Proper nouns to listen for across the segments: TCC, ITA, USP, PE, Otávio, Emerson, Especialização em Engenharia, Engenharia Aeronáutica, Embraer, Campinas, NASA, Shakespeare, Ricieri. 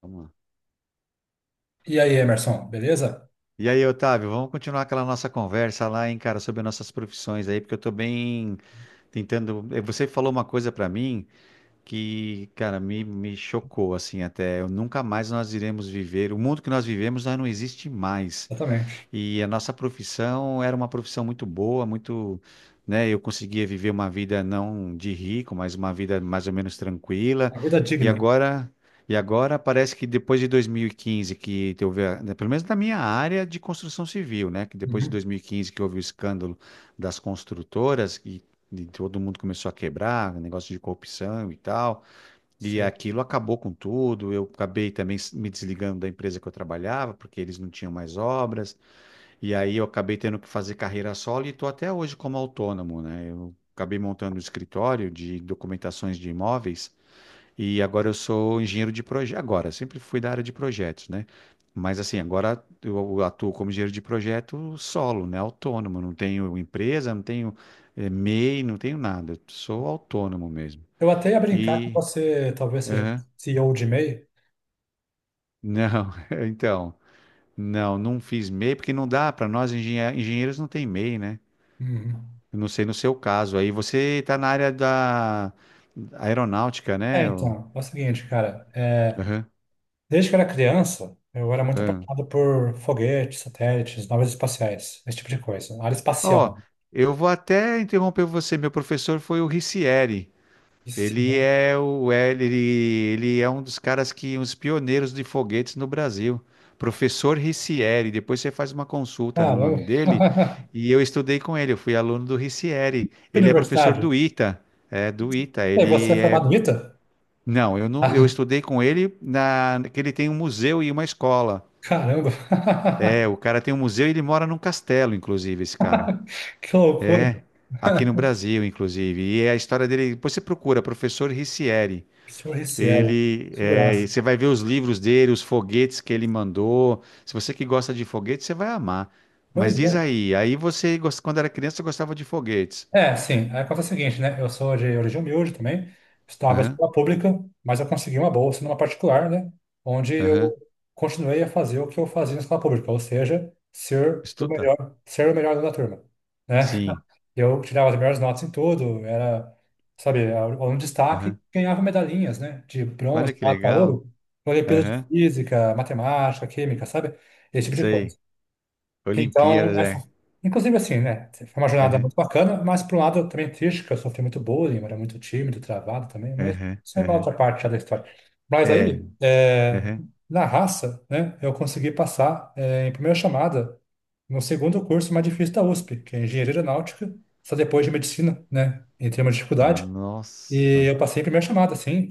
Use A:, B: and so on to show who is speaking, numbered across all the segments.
A: Vamos lá.
B: E aí, Emerson, beleza?
A: E aí, Otávio, vamos continuar aquela nossa conversa lá, hein, cara, sobre nossas profissões aí, porque eu tô bem tentando. Você falou uma coisa pra mim que, cara, me chocou, assim, até. Eu, nunca mais nós iremos viver. O mundo que nós vivemos já não existe mais.
B: Exatamente.
A: E a nossa profissão era uma profissão muito boa, muito, né? Eu conseguia viver uma vida não de rico, mas uma vida mais ou menos tranquila.
B: Uma vida é
A: E
B: digna.
A: agora, e agora parece que depois de 2015 houve, né, pelo menos na minha área de construção civil, né? Que depois de
B: Uhum.
A: 2015 que houve o escândalo das construtoras e todo mundo começou a quebrar, negócio de corrupção e tal. E
B: Seu.
A: aquilo acabou com tudo. Eu acabei também me desligando da empresa que eu trabalhava, porque eles não tinham mais obras. E aí eu acabei tendo que fazer carreira solo e estou até hoje como autônomo, né? Eu acabei montando um escritório de documentações de imóveis e agora eu sou engenheiro de projeto. Agora, eu sempre fui da área de projetos, né? Mas assim, agora eu atuo como engenheiro de projeto solo, né? Autônomo, não tenho empresa, não tenho MEI, não tenho nada. Eu sou autônomo mesmo.
B: Eu até ia brincar que
A: E
B: você talvez seja
A: aham.
B: CEO de MEI.
A: Não, então, não, não fiz MEI porque não dá para nós engenheiros não tem MEI, né?
B: Uhum.
A: Eu não sei no seu caso. Aí você está na área da aeronáutica,
B: É,
A: né? O-
B: então, é o seguinte, cara.
A: aham,
B: Desde que eu era criança, eu era muito
A: aham.
B: apaixonado por foguetes, satélites, naves espaciais, esse tipo de coisa. Área espacial.
A: Ó, eu vou até interromper você. Meu professor foi o Ricieri.
B: Isso,
A: Ele
B: né?
A: é o é, ele é um dos caras que uns pioneiros de foguetes no Brasil. Professor Ricieri. Depois você faz uma consulta no
B: Caramba.
A: nome dele. E eu estudei com ele. Eu fui aluno do Ricieri.
B: Que
A: Ele é professor
B: universidade.
A: do ITA. É, do ITA.
B: E você é
A: Ele é
B: formado em ITA?
A: não, eu não, eu
B: Ah,
A: estudei com ele na, que ele tem um museu e uma escola.
B: caramba.
A: É, o cara tem um museu e ele mora num castelo, inclusive, esse cara.
B: Que loucura.
A: Aqui no Brasil, inclusive. E é a história dele. Depois você procura, professor Ricieri.
B: Professor RCL. Que
A: E
B: graça.
A: você vai ver os livros dele, os foguetes que ele mandou. Se você que gosta de foguetes, você vai amar. Mas
B: Pois
A: diz
B: é.
A: aí, quando era criança, você gostava de foguetes.
B: É, sim. Aí acontece o seguinte, né? Eu sou de origem humilde também, estava em
A: Aham,
B: escola pública, mas eu consegui uma bolsa numa particular, né? Onde eu
A: aham.
B: continuei a fazer o que eu fazia na escola pública, ou seja,
A: Estuda.
B: ser o melhor aluno da turma, né?
A: Sim.
B: Eu tirava as melhores notas em tudo, era, sabe, aluno de destaque,
A: Aham.
B: ganhava medalhinhas, né? De
A: Olha
B: bronze,
A: que
B: prata,
A: legal.
B: ouro, olimpíadas de
A: Aham.
B: física, matemática, química, sabe? Esse tipo de
A: Sei.
B: coisa. Então,
A: Olimpíadas, é.
B: inclusive assim, né? Foi uma jornada
A: Aham.
B: muito bacana, mas por um lado também triste, que eu sofri muito bullying, eu era muito tímido, travado também, mas
A: Aham,
B: isso é uma
A: aham.
B: outra parte já da história. Mas
A: É,
B: aí, é,
A: aham.
B: na raça, né, eu consegui passar, é, em primeira chamada no segundo curso mais difícil da USP, que é Engenharia Aeronáutica, só depois de Medicina, né? Em termos de dificuldade. E
A: Nossa,
B: eu passei em primeira chamada, assim,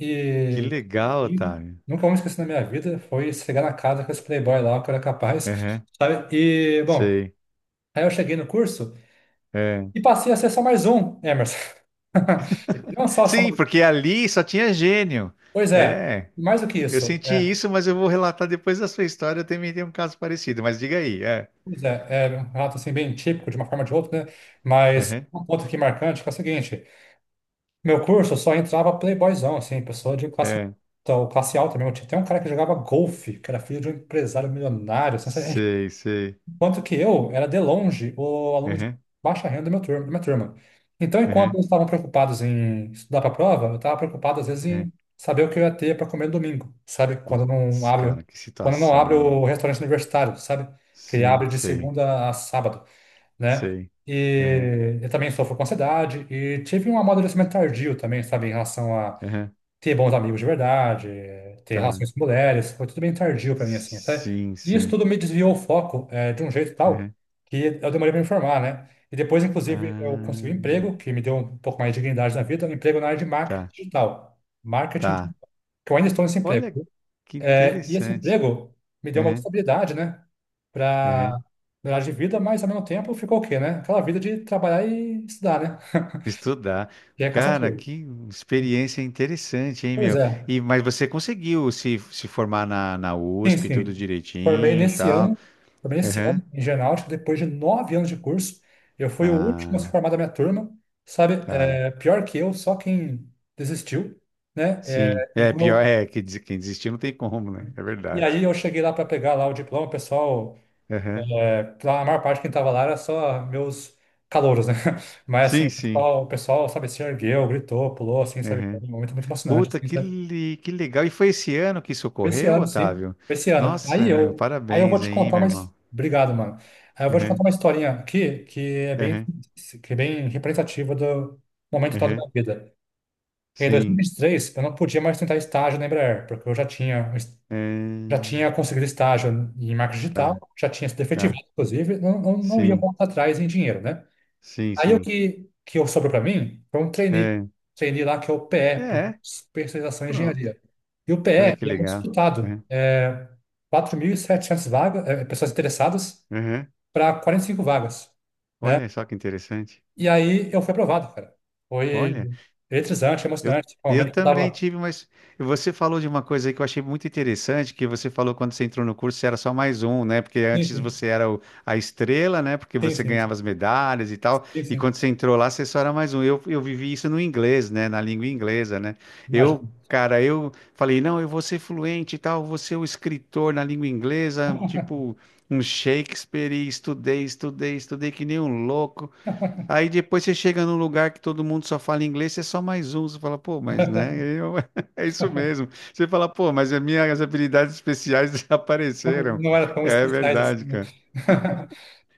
A: que
B: e
A: legal,
B: e
A: Otávio.
B: nunca vou me esquecer na minha vida, foi chegar na casa com esse playboy lá, que eu era capaz,
A: Aham,
B: sabe? E, bom,
A: sei.
B: aí eu cheguei no curso
A: É.
B: e passei a ser só mais um, Emerson. E não só
A: Sim,
B: mais um.
A: porque ali só tinha gênio.
B: Pois é,
A: É,
B: mais do que
A: eu
B: isso.
A: senti
B: É,
A: isso, mas eu vou relatar depois da sua história. Eu também tenho um caso parecido, mas diga aí. É,
B: pois é, é um relato assim bem típico, de uma forma ou de outra, né? Mas
A: aham,
B: um ponto aqui marcante que é o seguinte, meu curso só entrava playboyzão, assim, pessoa de classe,
A: é.
B: então, classe alta mesmo. Tinha até um cara que jogava golfe, que era filho de um empresário milionário, assim.
A: Sei, sei.
B: Enquanto que eu era de longe o aluno de
A: Aham,
B: baixa renda da minha turma. Então, enquanto
A: aham,
B: eles estavam preocupados em estudar para a prova, eu estava preocupado, às vezes,
A: aham.
B: em saber o que eu ia ter para comer no domingo, sabe?
A: Putz, cara, que
B: Quando não
A: situação,
B: abre
A: hein?
B: o restaurante universitário, sabe? Que ele
A: Sim,
B: abre de
A: sei,
B: segunda a sábado, né?
A: sei. Aham,
B: E eu também sofro com ansiedade e tive um amadurecimento tardio também, sabe? Em relação a
A: aham.
B: ter bons amigos de verdade, ter
A: Tá.
B: relações com mulheres, foi tudo bem tardio para mim, assim, sabe?
A: Sim,
B: E isso
A: sim.
B: tudo me desviou o foco, de um jeito tal
A: Aham.
B: que eu demorei para me formar, né? E depois, inclusive, eu consegui um
A: Ah.
B: emprego que me deu um pouco mais de dignidade na vida, um emprego na área de marketing
A: Tá.
B: digital. Marketing
A: Tá.
B: digital, que eu ainda estou nesse emprego,
A: Olha
B: viu?
A: que
B: E esse
A: interessante.
B: emprego me deu uma
A: Uhum,
B: estabilidade, né? Para
A: uhum.
B: melhorar de vida, mas ao mesmo tempo ficou o quê, né? Aquela vida de trabalhar e estudar, né?
A: Estudar.
B: Que é
A: Cara,
B: cansativo.
A: que experiência interessante, hein,
B: Pois
A: meu?
B: é.
A: E, mas você conseguiu se formar na
B: Sim,
A: USP, tudo
B: sim. Formei
A: direitinho e
B: nesse
A: tal.
B: ano, formei nesse
A: Uhum.
B: ano em Genáutica, depois de 9 anos de curso. Eu fui o último a se
A: Ah,
B: formar da minha turma, sabe?
A: tá.
B: É, pior que eu, só quem desistiu, né?
A: Sim. É, pior é que quem desistiu não tem como, né? É
B: E
A: verdade.
B: aí eu cheguei lá para pegar lá o diploma, o pessoal,
A: Uhum.
B: pra a maior parte quem estava lá era só meus calouros, né? Mas assim,
A: Sim, sim.
B: o pessoal, sabe, se ergueu, gritou, pulou, assim, sabe? Foi
A: Uhum.
B: um momento muito emocionante,
A: Puta,
B: assim, sabe?
A: que legal. E foi esse ano que isso
B: Esse
A: ocorreu,
B: ano, sim.
A: Otávio?
B: Esse ano. Aí
A: Nossa, meu,
B: eu, aí eu vou
A: parabéns
B: te
A: aí,
B: contar
A: meu
B: mas
A: irmão.
B: obrigado, mano. Aí eu vou te
A: Uhum,
B: contar uma historinha aqui
A: uhum,
B: que é bem representativa do momento atual da
A: uhum.
B: minha vida. Em dois mil
A: Sim.
B: e vinte e três eu não podia mais tentar estágio na Embraer, porque eu já tinha, já
A: É,
B: tinha conseguido estágio em marketing
A: tá,
B: digital, já tinha sido efetivado,
A: tá.
B: inclusive, não ia
A: Sim,
B: voltar atrás em dinheiro, né?
A: sim,
B: Aí o
A: sim.
B: que, que eu sobrou para mim foi um trainee.
A: É,
B: Trainee lá que é o PE,
A: é,
B: Especialização em
A: pronto.
B: Engenharia. E o PE,
A: Olha que
B: ele é muito
A: legal.
B: disputado.
A: É,
B: É 4.700 vagas, é, pessoas interessadas
A: uhum.
B: para 45 vagas, né?
A: Olha só que interessante.
B: E aí eu fui aprovado, cara. Foi
A: Olha.
B: eletrizante,
A: Eu,
B: emocionante. Foi um
A: eu
B: momento que eu
A: também
B: tava.
A: tive, mas você falou de uma coisa aí que eu achei muito interessante, que você falou quando você entrou no curso, você era só mais um, né? Porque
B: Sim,
A: antes
B: sim.
A: você era a estrela, né? Porque
B: Sim,
A: você
B: sim.
A: ganhava as medalhas e tal,
B: Sim,
A: e
B: sim.
A: quando você entrou lá, você só era mais um. Eu vivi isso no inglês, né? Na língua inglesa, né?
B: Imagina.
A: Eu, cara, eu falei, não, eu vou ser fluente e tal, vou ser o escritor na língua inglesa, tipo um Shakespeare, e estudei, estudei, estudei que nem um louco. Aí depois você chega num lugar que todo mundo só fala inglês, você é só mais um. Você fala, pô, mas né? É isso mesmo. Você fala, pô, mas as minhas habilidades especiais desapareceram.
B: Não era tão
A: É
B: especiais assim,
A: verdade,
B: né?
A: cara.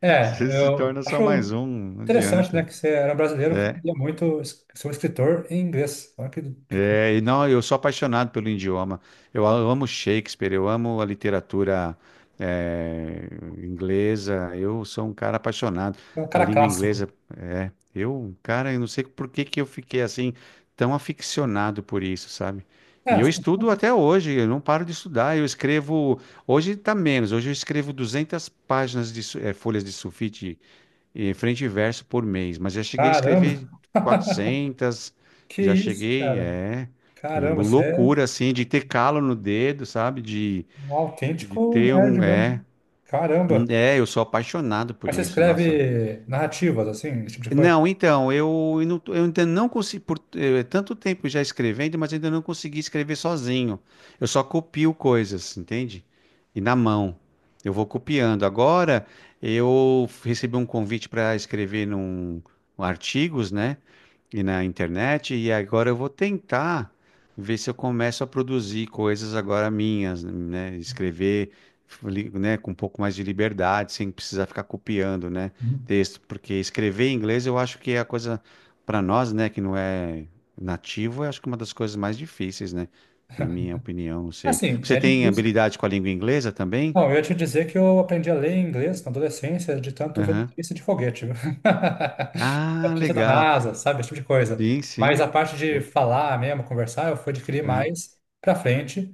B: É,
A: Você se
B: eu
A: torna só mais
B: acho
A: um, não
B: interessante, né,
A: adianta.
B: que você era um brasileiro que
A: É.
B: queria muito ser um escritor em inglês. Olha que co-
A: É, e não, eu sou apaixonado pelo idioma. Eu amo Shakespeare, eu amo a literatura eh, inglesa. Eu sou um cara apaixonado.
B: é um
A: A
B: cara
A: língua
B: clássico.
A: inglesa, é. Eu, cara, eu não sei por que que eu fiquei assim tão aficionado por isso, sabe?
B: É,
A: E eu
B: as
A: estudo
B: pessoas.
A: até hoje. Eu não paro de estudar. Eu escrevo. Hoje tá menos. Hoje eu escrevo 200 páginas de folhas de sulfite e frente e verso por mês. Mas já cheguei a
B: Caramba!
A: escrever 400,
B: Que
A: já
B: isso,
A: cheguei,
B: cara?
A: é. Uma
B: Caramba, você é
A: loucura, assim, de ter calo no dedo, sabe?
B: um
A: De
B: autêntico
A: ter
B: nerd
A: um. É,
B: mesmo. Caramba!
A: é, eu sou apaixonado por
B: Mas você
A: isso, nossa.
B: escreve narrativas, assim, esse tipo de coisa?
A: Não, então, eu ainda não consigo, por tanto tempo já escrevendo, mas ainda não consegui escrever sozinho. Eu só copio coisas, entende? E na mão. Eu vou copiando. Agora, eu recebi um convite para escrever num, um artigos, né? E na internet, e agora eu vou tentar ver se eu começo a produzir coisas agora minhas, né? Escrever, né, com um pouco mais de liberdade, sem precisar ficar copiando, né,
B: Uhum.
A: texto, porque escrever em inglês eu acho que é a coisa para nós, né, que não é nativo, eu acho que é uma das coisas mais difíceis, né? Na minha opinião, não sei.
B: Assim,
A: Você
B: é
A: tem
B: difícil.
A: habilidade com a língua inglesa também?
B: Não, eu ia te dizer que eu aprendi a ler inglês na adolescência de tanto ver
A: Aham.
B: notícia de foguete, viu?
A: Ah,
B: Artista da
A: legal.
B: NASA, sabe? Esse tipo de coisa.
A: Sim,
B: Mas
A: sim.
B: a parte de
A: Put-
B: falar mesmo, conversar, eu fui adquirir
A: aham.
B: mais pra frente,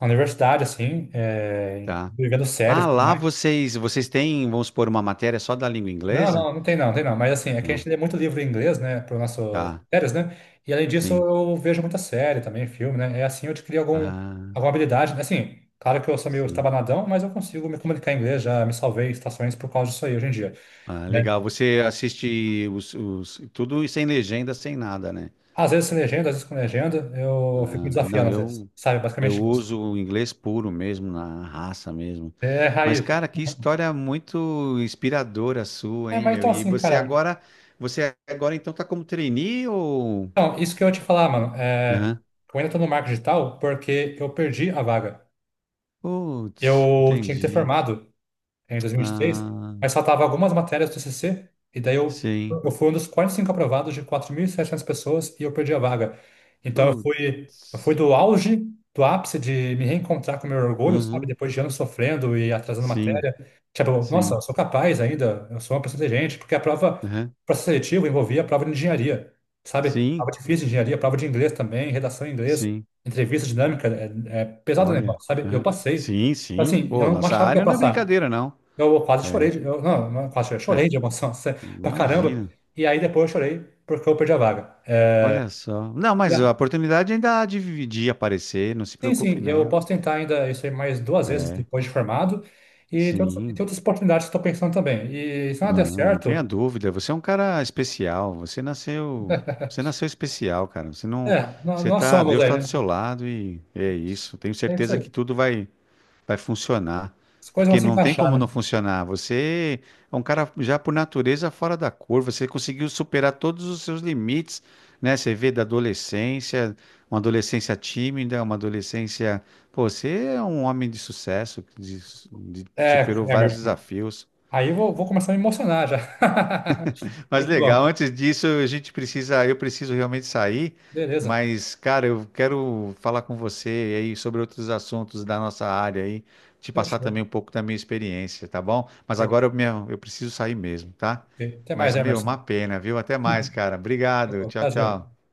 B: na universidade, assim,
A: Tá.
B: vivendo
A: Ah,
B: séries e tudo
A: lá
B: mais.
A: vocês, vocês têm, vamos supor, uma matéria só da língua
B: Não,
A: inglesa?
B: não, não tem não, tem não. Mas assim, é que a
A: Não.
B: gente lê muito livro em inglês, né, para nosso
A: Tá.
B: séries, né? E além disso,
A: Sim.
B: eu vejo muita série também, filme, né? É assim, eu adquiri algum,
A: Ah,
B: alguma habilidade, né? Assim, claro que eu sou meio
A: sim.
B: estabanadão, mas eu consigo me comunicar em inglês, já me salvei em estações por causa disso aí hoje em dia,
A: Ah,
B: né?
A: legal. Você assiste tudo sem legenda, sem nada, né?
B: Às vezes sem legenda, às vezes com legenda, eu fico me
A: Ah, não,
B: desafiando às vezes,
A: eu
B: sabe?
A: eu
B: Basicamente isso.
A: uso o inglês puro mesmo, na raça mesmo.
B: É,
A: Mas,
B: raiz.
A: cara, que história muito inspiradora sua,
B: É,
A: hein,
B: mas
A: meu?
B: então
A: E
B: assim, cara.
A: você agora então tá como trainee ou?
B: Então, isso que eu ia te falar, mano. É,
A: Aham.
B: eu ainda tô no marketing digital porque eu perdi a vaga.
A: Putz,
B: Eu tinha que ter
A: entendi.
B: formado em 2023,
A: Ah,
B: mas faltava algumas matérias do TCC, e daí eu,
A: sim.
B: eu fui um dos 45 aprovados de 4.700 pessoas e eu perdi a vaga. Então eu fui
A: Putz.
B: do auge, do ápice de me reencontrar com o meu orgulho, sabe?
A: Uhum.
B: Depois de anos sofrendo e atrasando
A: Sim,
B: matéria. Tipo, nossa,
A: sim.
B: eu sou capaz ainda, eu sou uma pessoa inteligente, porque a prova,
A: Uhum.
B: o processo seletivo envolvia a prova de engenharia, sabe?
A: Sim,
B: Prova difícil de engenharia, prova de inglês também, redação em inglês,
A: sim.
B: entrevista dinâmica, é pesado o
A: Olha.
B: negócio, sabe? E eu
A: Uhum.
B: passei.
A: Sim,
B: Então,
A: sim.
B: assim,
A: Pô,
B: eu não
A: nossa
B: achava que ia
A: área não é
B: passar.
A: brincadeira, não.
B: Eu quase
A: É,
B: chorei, eu, não quase chorei,
A: é.
B: chorei de emoção, pra caramba.
A: Imagina.
B: E aí depois eu chorei porque eu perdi a vaga. É,
A: Olha só. Não, mas a
B: e
A: oportunidade ainda há de aparecer, não se
B: sim, sim,
A: preocupe,
B: eu
A: não.
B: posso tentar ainda isso aí mais duas vezes
A: É,
B: depois de formado. E tem
A: sim.
B: outras oportunidades que estou pensando também. E se nada der
A: Não, não
B: certo,
A: tenha dúvida. Você é um cara especial. Você nasceu especial, cara. Você não,
B: é,
A: você
B: nós
A: tá,
B: somos
A: Deus
B: aí,
A: tá do
B: né?
A: seu lado e é isso. Tenho
B: É isso
A: certeza
B: aí.
A: que tudo vai funcionar.
B: As coisas vão
A: Porque
B: se
A: não tem
B: encaixar,
A: como
B: né?
A: não funcionar. Você é um cara já por natureza fora da curva. Você conseguiu superar todos os seus limites, né? Você vê da adolescência, uma adolescência tímida, uma adolescência. Pô, você é um homem de sucesso, superou
B: É,
A: vários
B: Emerson.
A: desafios.
B: Aí eu vou começar a me emocionar já.
A: Mas
B: Muito
A: legal,
B: bom.
A: antes disso, a gente precisa, eu preciso realmente sair,
B: Beleza.
A: mas, cara, eu quero falar com você aí sobre outros assuntos da nossa área aí, te passar
B: Fechou.
A: também um pouco da minha experiência, tá bom? Mas
B: OK,
A: agora eu, meu, eu preciso sair mesmo, tá?
B: OK. Até mais,
A: Mas, meu,
B: Emerson.
A: uma pena, viu? Até mais, cara. Obrigado. Tchau,
B: Prazer.
A: tchau.